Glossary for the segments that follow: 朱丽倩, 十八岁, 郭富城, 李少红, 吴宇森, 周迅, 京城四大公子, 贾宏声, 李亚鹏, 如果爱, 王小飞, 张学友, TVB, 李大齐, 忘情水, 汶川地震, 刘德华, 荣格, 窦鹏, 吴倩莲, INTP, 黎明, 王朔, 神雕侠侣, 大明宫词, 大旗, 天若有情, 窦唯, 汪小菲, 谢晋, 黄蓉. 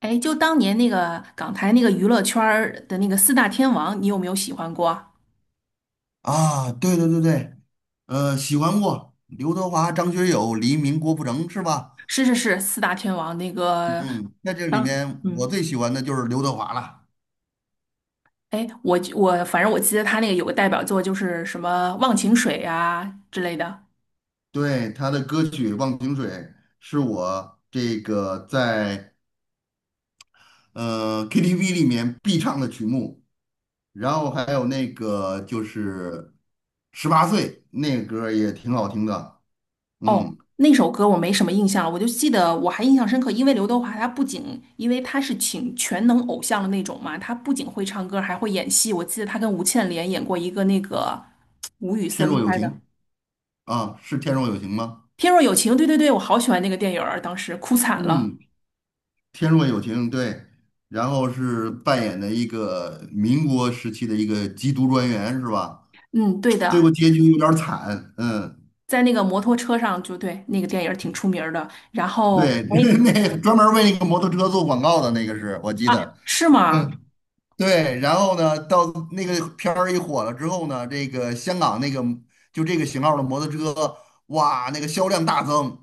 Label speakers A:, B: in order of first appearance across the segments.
A: 哎，就当年那个港台那个娱乐圈儿的那个四大天王，你有没有喜欢过？
B: 啊，对对对对，喜欢过刘德华、张学友、黎明、郭富城是吧？
A: 是是是，四大天王那个
B: 嗯，在这里
A: 当
B: 面我最喜欢的就是刘德华了，
A: 哎，我反正我记得他那个有个代表作就是什么《忘情水》啊之类的。
B: 对，他的歌曲《忘情水》是我这个在KTV 里面必唱的曲目，然后还有那个就是《十八岁》那个歌儿也挺好听的，
A: 哦，
B: 嗯，
A: 那首歌我没什么印象了，我就记得我还印象深刻，因为刘德华他不仅因为他是请全能偶像的那种嘛，他不仅会唱歌还会演戏。我记得他跟吴倩莲演过一个那个吴宇
B: 《天若
A: 森
B: 有
A: 拍
B: 情》
A: 的。
B: 啊，是《天若有情》吗？
A: 天若有情，对对对，我好喜欢那个电影儿，当时哭惨了。
B: 嗯，天若有情，对，然后是扮演的一个民国时期的一个缉毒专员，是吧？
A: 嗯，对
B: 最
A: 的，
B: 后结局有点儿惨，嗯，
A: 在那个摩托车上，就对，那个电影儿挺出名儿的。然后，
B: 对，
A: 哎
B: 那专门儿为那个摩托车做广告的那个是我记得，
A: 啊，是吗？
B: 嗯，对，然后呢，到那个片儿一火了之后呢，这个香港那个就这个型号的摩托车，哇，那个销量大增，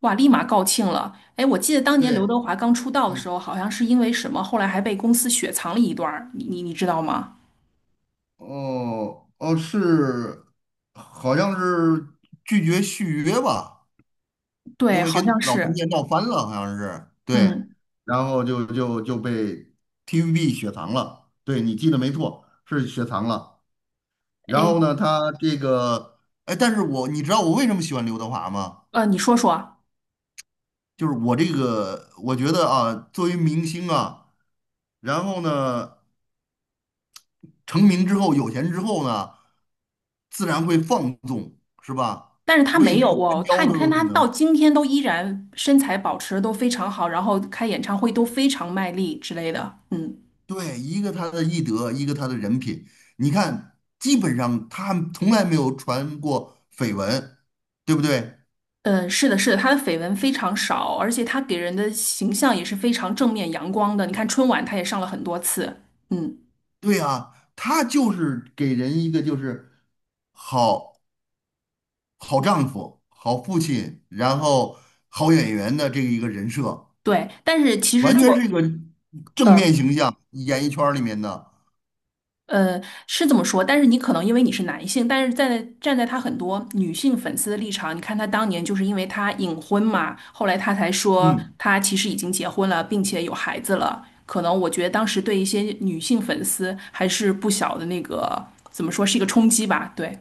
A: 哇，立马告罄了。哎，我记得当年刘
B: 对，
A: 德华刚出道的
B: 嗯，
A: 时候，好像是因为什么，后来还被公司雪藏了一段儿，你知道吗？
B: 哦哦是，好像是拒绝续约吧。因
A: 对，
B: 为
A: 好
B: 跟
A: 像
B: 老中
A: 是。
B: 介闹翻了，好像是，对，
A: 嗯，
B: 然后就被 TVB 雪藏了，对你记得没错，是雪藏了。然
A: 哎，
B: 后呢，他这个，哎，但是我你知道我为什么喜欢刘德华吗？
A: 你说说。
B: 就是我这个，我觉得啊，作为明星啊，然后呢，成名之后有钱之后呢，自然会放纵，是吧？
A: 但是他
B: 为
A: 没有
B: 富新
A: 哦，他
B: 高
A: 你
B: 都
A: 看
B: 有
A: 他
B: 可
A: 到
B: 能。
A: 今天都依然身材保持得都非常好，然后开演唱会都非常卖力之类的，嗯。
B: 对，一个他的艺德，一个他的人品。你看，基本上他从来没有传过绯闻，对不对？
A: 嗯，是的，是的，他的绯闻非常少，而且他给人的形象也是非常正面阳光的。你看春晚，他也上了很多次，嗯，
B: 对啊，他就是给人一个就是好好丈夫、好父亲，然后好演员的这个一个人设，
A: 对。但是其实
B: 完全是一
A: 做，
B: 个正面
A: 呃
B: 形象，演艺圈儿里面的。
A: 呃，是这么说，但是你可能因为你是男性，但是在站在他很多女性粉丝的立场，你看他当年就是因为他隐婚嘛，后来他才说
B: 嗯。
A: 他其实已经结婚了，并且有孩子了。可能我觉得当时对一些女性粉丝还是不小的那个，怎么说是一个冲击吧，对。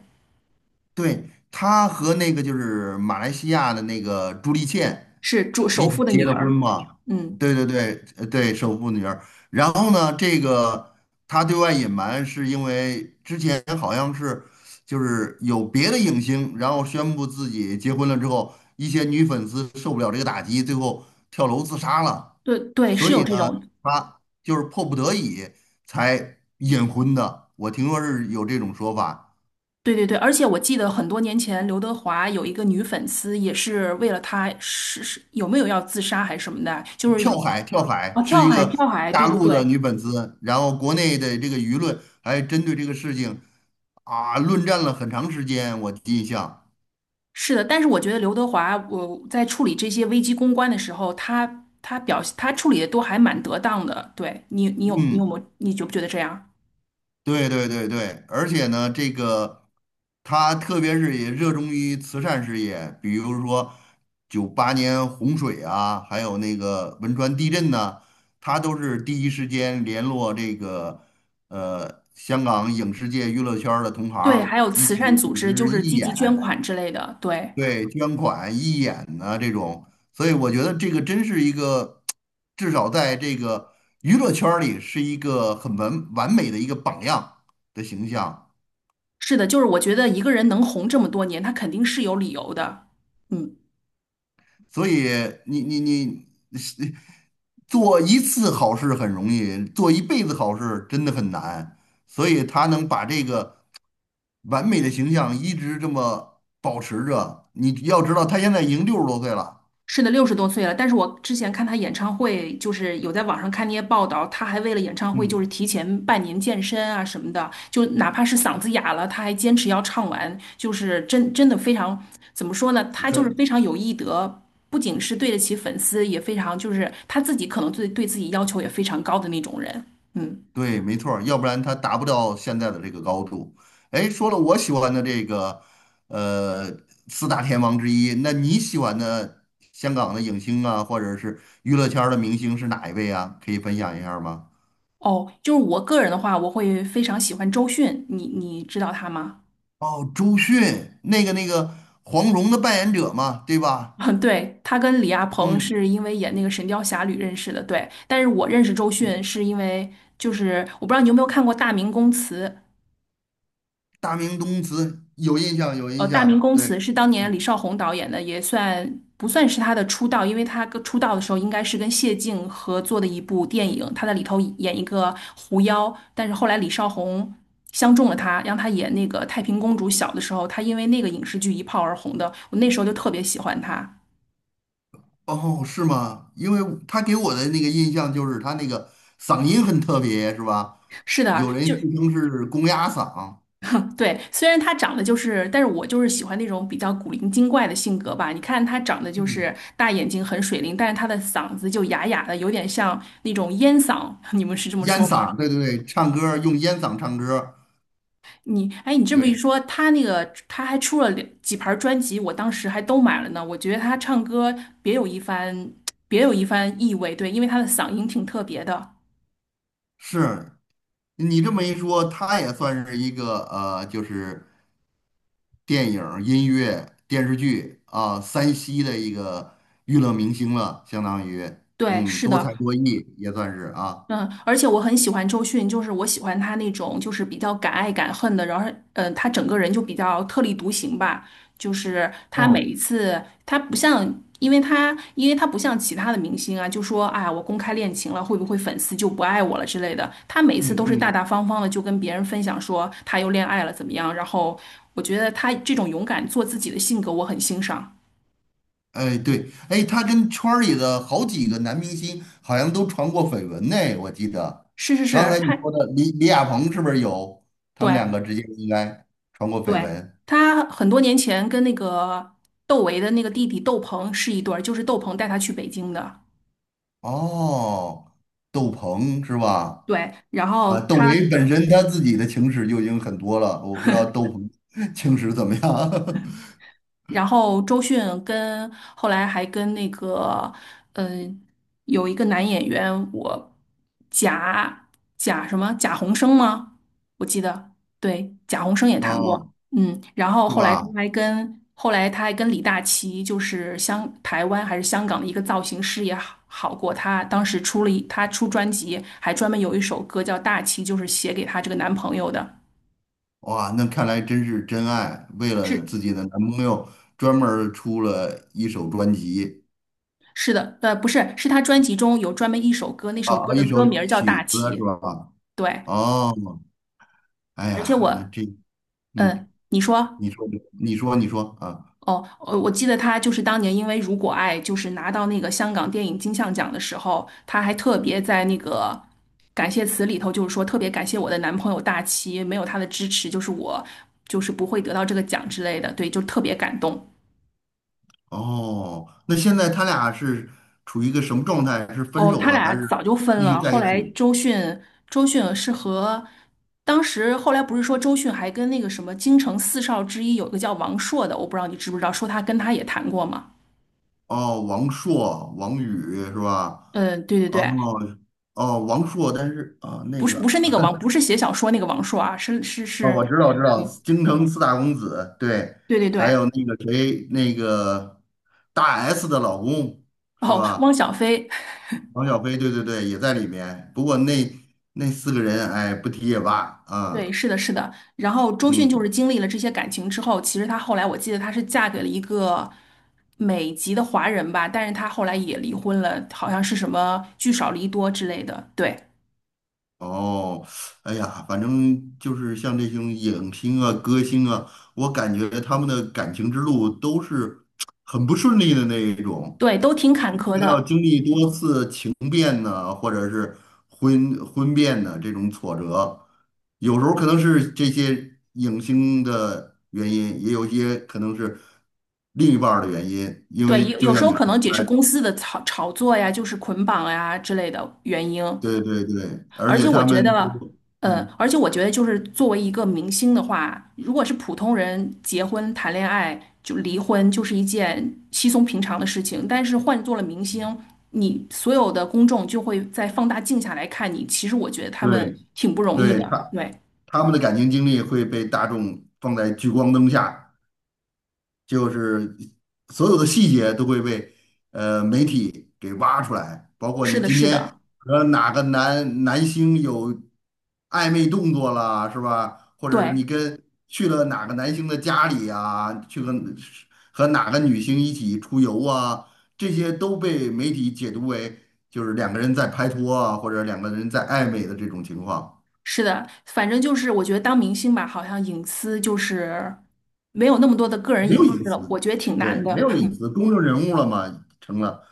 B: 对，他和那个就是马来西亚的那个朱丽倩
A: 是主
B: 一
A: 首
B: 起
A: 富的
B: 结
A: 女
B: 的婚
A: 儿。
B: 嘛，
A: 嗯，
B: 对对对，对，首富女儿。然后呢，这个他对外隐瞒是因为之前好像是就是有别的影星，然后宣布自己结婚了之后，一些女粉丝受不了这个打击，最后跳楼自杀了。
A: 对对，是
B: 所
A: 有
B: 以
A: 这
B: 呢，
A: 种，
B: 他就是迫不得已才隐婚的。我听说是有这种说法。
A: 对对对，而且我记得很多年前刘德华有一个女粉丝，也是为了他是有没有要自杀还是什么的，就是
B: 跳
A: 以
B: 海，跳海
A: 哦
B: 是
A: 跳
B: 一
A: 海
B: 个
A: 跳海，对
B: 大
A: 对
B: 陆的
A: 对，
B: 女粉丝，然后国内的这个舆论还针对这个事情啊论战了很长时间，我印象。
A: 是的。但是我觉得刘德华，我在处理这些危机公关的时候，他表现他处理的都还蛮得当的。对你，你有没
B: 嗯，
A: 有你觉不觉得这样？
B: 对对对对，而且呢，这个她特别是也热衷于慈善事业，比如说98年洪水啊，还有那个汶川地震呐、她都是第一时间联络这个香港影视界娱乐圈儿的同
A: 对，
B: 行，
A: 还有
B: 一
A: 慈善
B: 起
A: 组
B: 组
A: 织，就
B: 织
A: 是
B: 义
A: 积极捐
B: 演。
A: 款之类的，对。
B: 对，捐款、义演呐、这种，所以我觉得这个真是一个，至少在这个娱乐圈儿里是一个很完美的一个榜样的形象。
A: 是的，就是我觉得一个人能红这么多年，他肯定是有理由的。嗯，
B: 所以你是做一次好事很容易，做一辈子好事真的很难。所以他能把这个完美的形象一直这么保持着，你要知道他现在已经60多岁了，
A: 是的，六十多岁了，但是我之前看他演唱会，就是有在网上看那些报道，他还为了演唱会就是
B: 嗯，
A: 提前半年健身啊什么的，就哪怕是嗓子哑了，他还坚持要唱完，就是真真的非常，怎么说呢？他就是
B: 很
A: 非常有艺德，不仅是对得起粉丝，也非常就是他自己可能对自己要求也非常高的那种人。嗯，
B: 对，没错儿，要不然他达不到现在的这个高度。哎，说了我喜欢的这个，呃，四大天王之一，那你喜欢的香港的影星啊，或者是娱乐圈儿的明星是哪一位啊？可以分享一下吗？
A: 哦，就是我个人的话，我会非常喜欢周迅，你知道他吗？
B: 哦，周迅，那个黄蓉的扮演者嘛，对吧？
A: 嗯，对，他跟李亚鹏
B: 嗯，
A: 是因为演那个《神雕侠侣》认识的，对。但是我认识周迅是因为，就是我不知道你有没有看过《大明宫词》，
B: 大明宫词有印象，有印
A: 《大明
B: 象，
A: 宫词》
B: 对。
A: 是当年李少红导演的，也算不算是他的出道，因为他跟出道的时候应该是跟谢晋合作的一部电影，他在里头演一个狐妖，但是后来李少红相中了他，让他演那个太平公主。小的时候，他因为那个影视剧一炮而红的，我那时候就特别喜欢他。
B: 哦，是吗？因为他给我的那个印象就是他那个嗓音很特别，是吧？
A: 是的，
B: 有人
A: 就
B: 自称是公鸭嗓，
A: 对，虽然他长得就是，但是我就是喜欢那种比较古灵精怪的性格吧。你看他长得就
B: 嗯，
A: 是大眼睛，很水灵，但是他的嗓子就哑哑的，有点像那种烟嗓。你们是这么
B: 烟
A: 说吗？
B: 嗓，对对对，唱歌儿用烟嗓唱歌儿
A: 你，哎，你这么一
B: 对，
A: 说，他那个他还出了两几盘专辑，我当时还都买了呢。我觉得他唱歌别有一番，别有一番意味。对，因为他的嗓音挺特别的。
B: 是你这么一说，他也算是一个就是电影儿音乐、电视剧啊，三栖的一个娱乐明星了，相当于，
A: 对，
B: 嗯，
A: 是
B: 多
A: 的，
B: 才多艺也算是啊，
A: 嗯，而且我很喜欢周迅，就是我喜欢她那种就是比较敢爱敢恨的，然后嗯，她整个人就比较特立独行吧。就是她每
B: 哦，
A: 一次，她不像，因为她不像其他的明星啊，就说啊我公开恋情了，会不会粉丝就不爱我了之类的。她每一
B: 嗯
A: 次都是大
B: 嗯。
A: 大方方的，就跟别人分享说她又恋爱了怎么样。然后我觉得她这种勇敢做自己的性格，我很欣赏。
B: 哎，对，哎，他跟圈儿里的好几个男明星好像都传过绯闻呢，我记得。
A: 是是
B: 刚
A: 是，
B: 才你
A: 她
B: 说的李亚鹏是不是有？他们
A: 对。
B: 两个之间应该传过绯
A: 对，
B: 闻。
A: 他很多年前跟那个窦唯的那个弟弟窦鹏是一对儿，就是窦鹏带他去北京的。
B: 哦，窦鹏是吧？
A: 对，然
B: 啊，
A: 后
B: 窦
A: 他
B: 唯本身他自己的情史就已经很多了，我不知道窦鹏 情史怎么样。
A: 然后周迅跟后来还跟那个，嗯、有一个男演员，我贾贾什么贾宏声吗？我记得，对，贾宏声 也谈过，
B: 哦，
A: 嗯，然后
B: 是
A: 后来他
B: 吧？
A: 还跟后来他还跟李大齐，就是香台湾还是香港的一个造型师也好好过，他当时出了一他出专辑，还专门有一首歌叫《大齐》，就是写给他这个男朋友的。
B: 哇，那看来真是真爱，为了
A: 是
B: 自己的男朋友专门儿出了一首专辑。
A: 是的，呃，不是，是他专辑中有专门一首歌，那
B: 啊
A: 首歌
B: 啊，
A: 的
B: 一首
A: 歌名儿叫
B: 曲
A: 《大
B: 子
A: 旗》。
B: 是吧？
A: 对，
B: 哦，哎
A: 而且
B: 呀，那
A: 我，
B: 这，
A: 嗯，
B: 嗯，
A: 你说，
B: 你说，你说，你说啊，
A: 哦，我记得他就是当年因为《如果爱》就是拿到那个香港电影金像奖的时候，他还特别在那个感谢词里头，就是说特别感谢我的男朋友大齐，没有他的支持，就是我就是不会得到这个奖之类的。对，就特别感动。
B: 哦，那现在他俩是处于一个什么状态？是分
A: 哦，
B: 手
A: 他
B: 了还
A: 俩早
B: 是
A: 就分
B: 继续
A: 了。
B: 在
A: 后
B: 一
A: 来
B: 起？
A: 周迅，周迅是和当时后来不是说周迅还跟那个什么京城四少之一有一个叫王朔的，我不知道你知不知道，说他跟他也谈过嘛？
B: 哦，王朔、王宇是吧？
A: 嗯，对对对，
B: 哦哦，王朔，但是啊，那
A: 不是
B: 个
A: 不是那个 王，不是写小说那个王朔啊，是是
B: 啊，我
A: 是，
B: 知道，我知
A: 对
B: 道，京城四大公子，对，
A: 对对
B: 还有
A: 对。
B: 那个谁，那个大 S 的老公是
A: 哦，汪
B: 吧？
A: 小菲，
B: 王小飞，对对对，也在里面。不过那四个人，哎，不提也罢
A: 对，
B: 啊。
A: 是的，是的。然后周迅就是
B: 嗯，
A: 经历了这些感情之后，其实她后来我记得她是嫁给了一个美籍的华人吧，但是她后来也离婚了，好像是什么聚少离多之类的。对，
B: 哦，哎呀，反正就是像这种影星啊、歌星啊，我感觉他们的感情之路都是很不顺利的那一种。
A: 对，都挺坎坷
B: 他要
A: 的。
B: 经历多次情变呢，或者是婚变呢这种挫折，有时候可能是这些影星的原因，也有一些可能是另一半儿的原因，因
A: 对，
B: 为
A: 有
B: 就
A: 有时
B: 像
A: 候
B: 你说
A: 可能也
B: 刚
A: 是
B: 才
A: 公司的炒作呀，就是捆绑呀之类的原因。
B: 对对对，而
A: 而且
B: 且
A: 我
B: 他
A: 觉
B: 们
A: 得，
B: 都，嗯，
A: 就是作为一个明星的话，如果是普通人结婚、谈恋爱就离婚，就是一件稀松平常的事情。但是换做了明星，你所有的公众就会在放大镜下来看你。其实我觉得他们
B: 对
A: 挺不容易
B: 对，
A: 的。
B: 他
A: 对，
B: 他们的感情经历会被大众放在聚光灯下。就是所有的细节都会被媒体给挖出来，包括
A: 是
B: 你
A: 的，
B: 今
A: 是
B: 天
A: 的，
B: 和哪个男星有暧昧动作了，是吧？或者你
A: 对，
B: 跟去了哪个男星的家里呀？去和哪个女星一起出游啊，这些都被媒体解读为就是两个人在拍拖啊，或者两个人在暧昧的这种情况。
A: 是的。反正就是我觉得当明星吧，好像隐私就是没有那么多的个人
B: 没有
A: 隐
B: 隐
A: 私了，
B: 私，
A: 我觉得挺难
B: 对，没
A: 的。
B: 有隐私，公众人物了嘛，成了，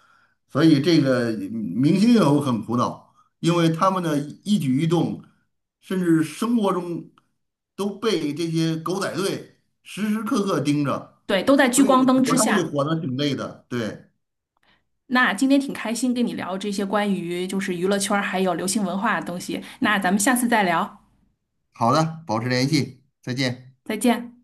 B: 所以这个明星也有很苦恼，因为他们的一举一动，甚至生活中都被这些狗仔队时时刻刻盯着，
A: 对，都在聚
B: 所以
A: 光灯之
B: 他们也
A: 下。
B: 活得挺累的。对，
A: 那今天挺开心跟你聊这些关于就是娱乐圈儿还有流行文化的东西，那咱们下次再聊，
B: 好的，保持联系，再见。
A: 再见。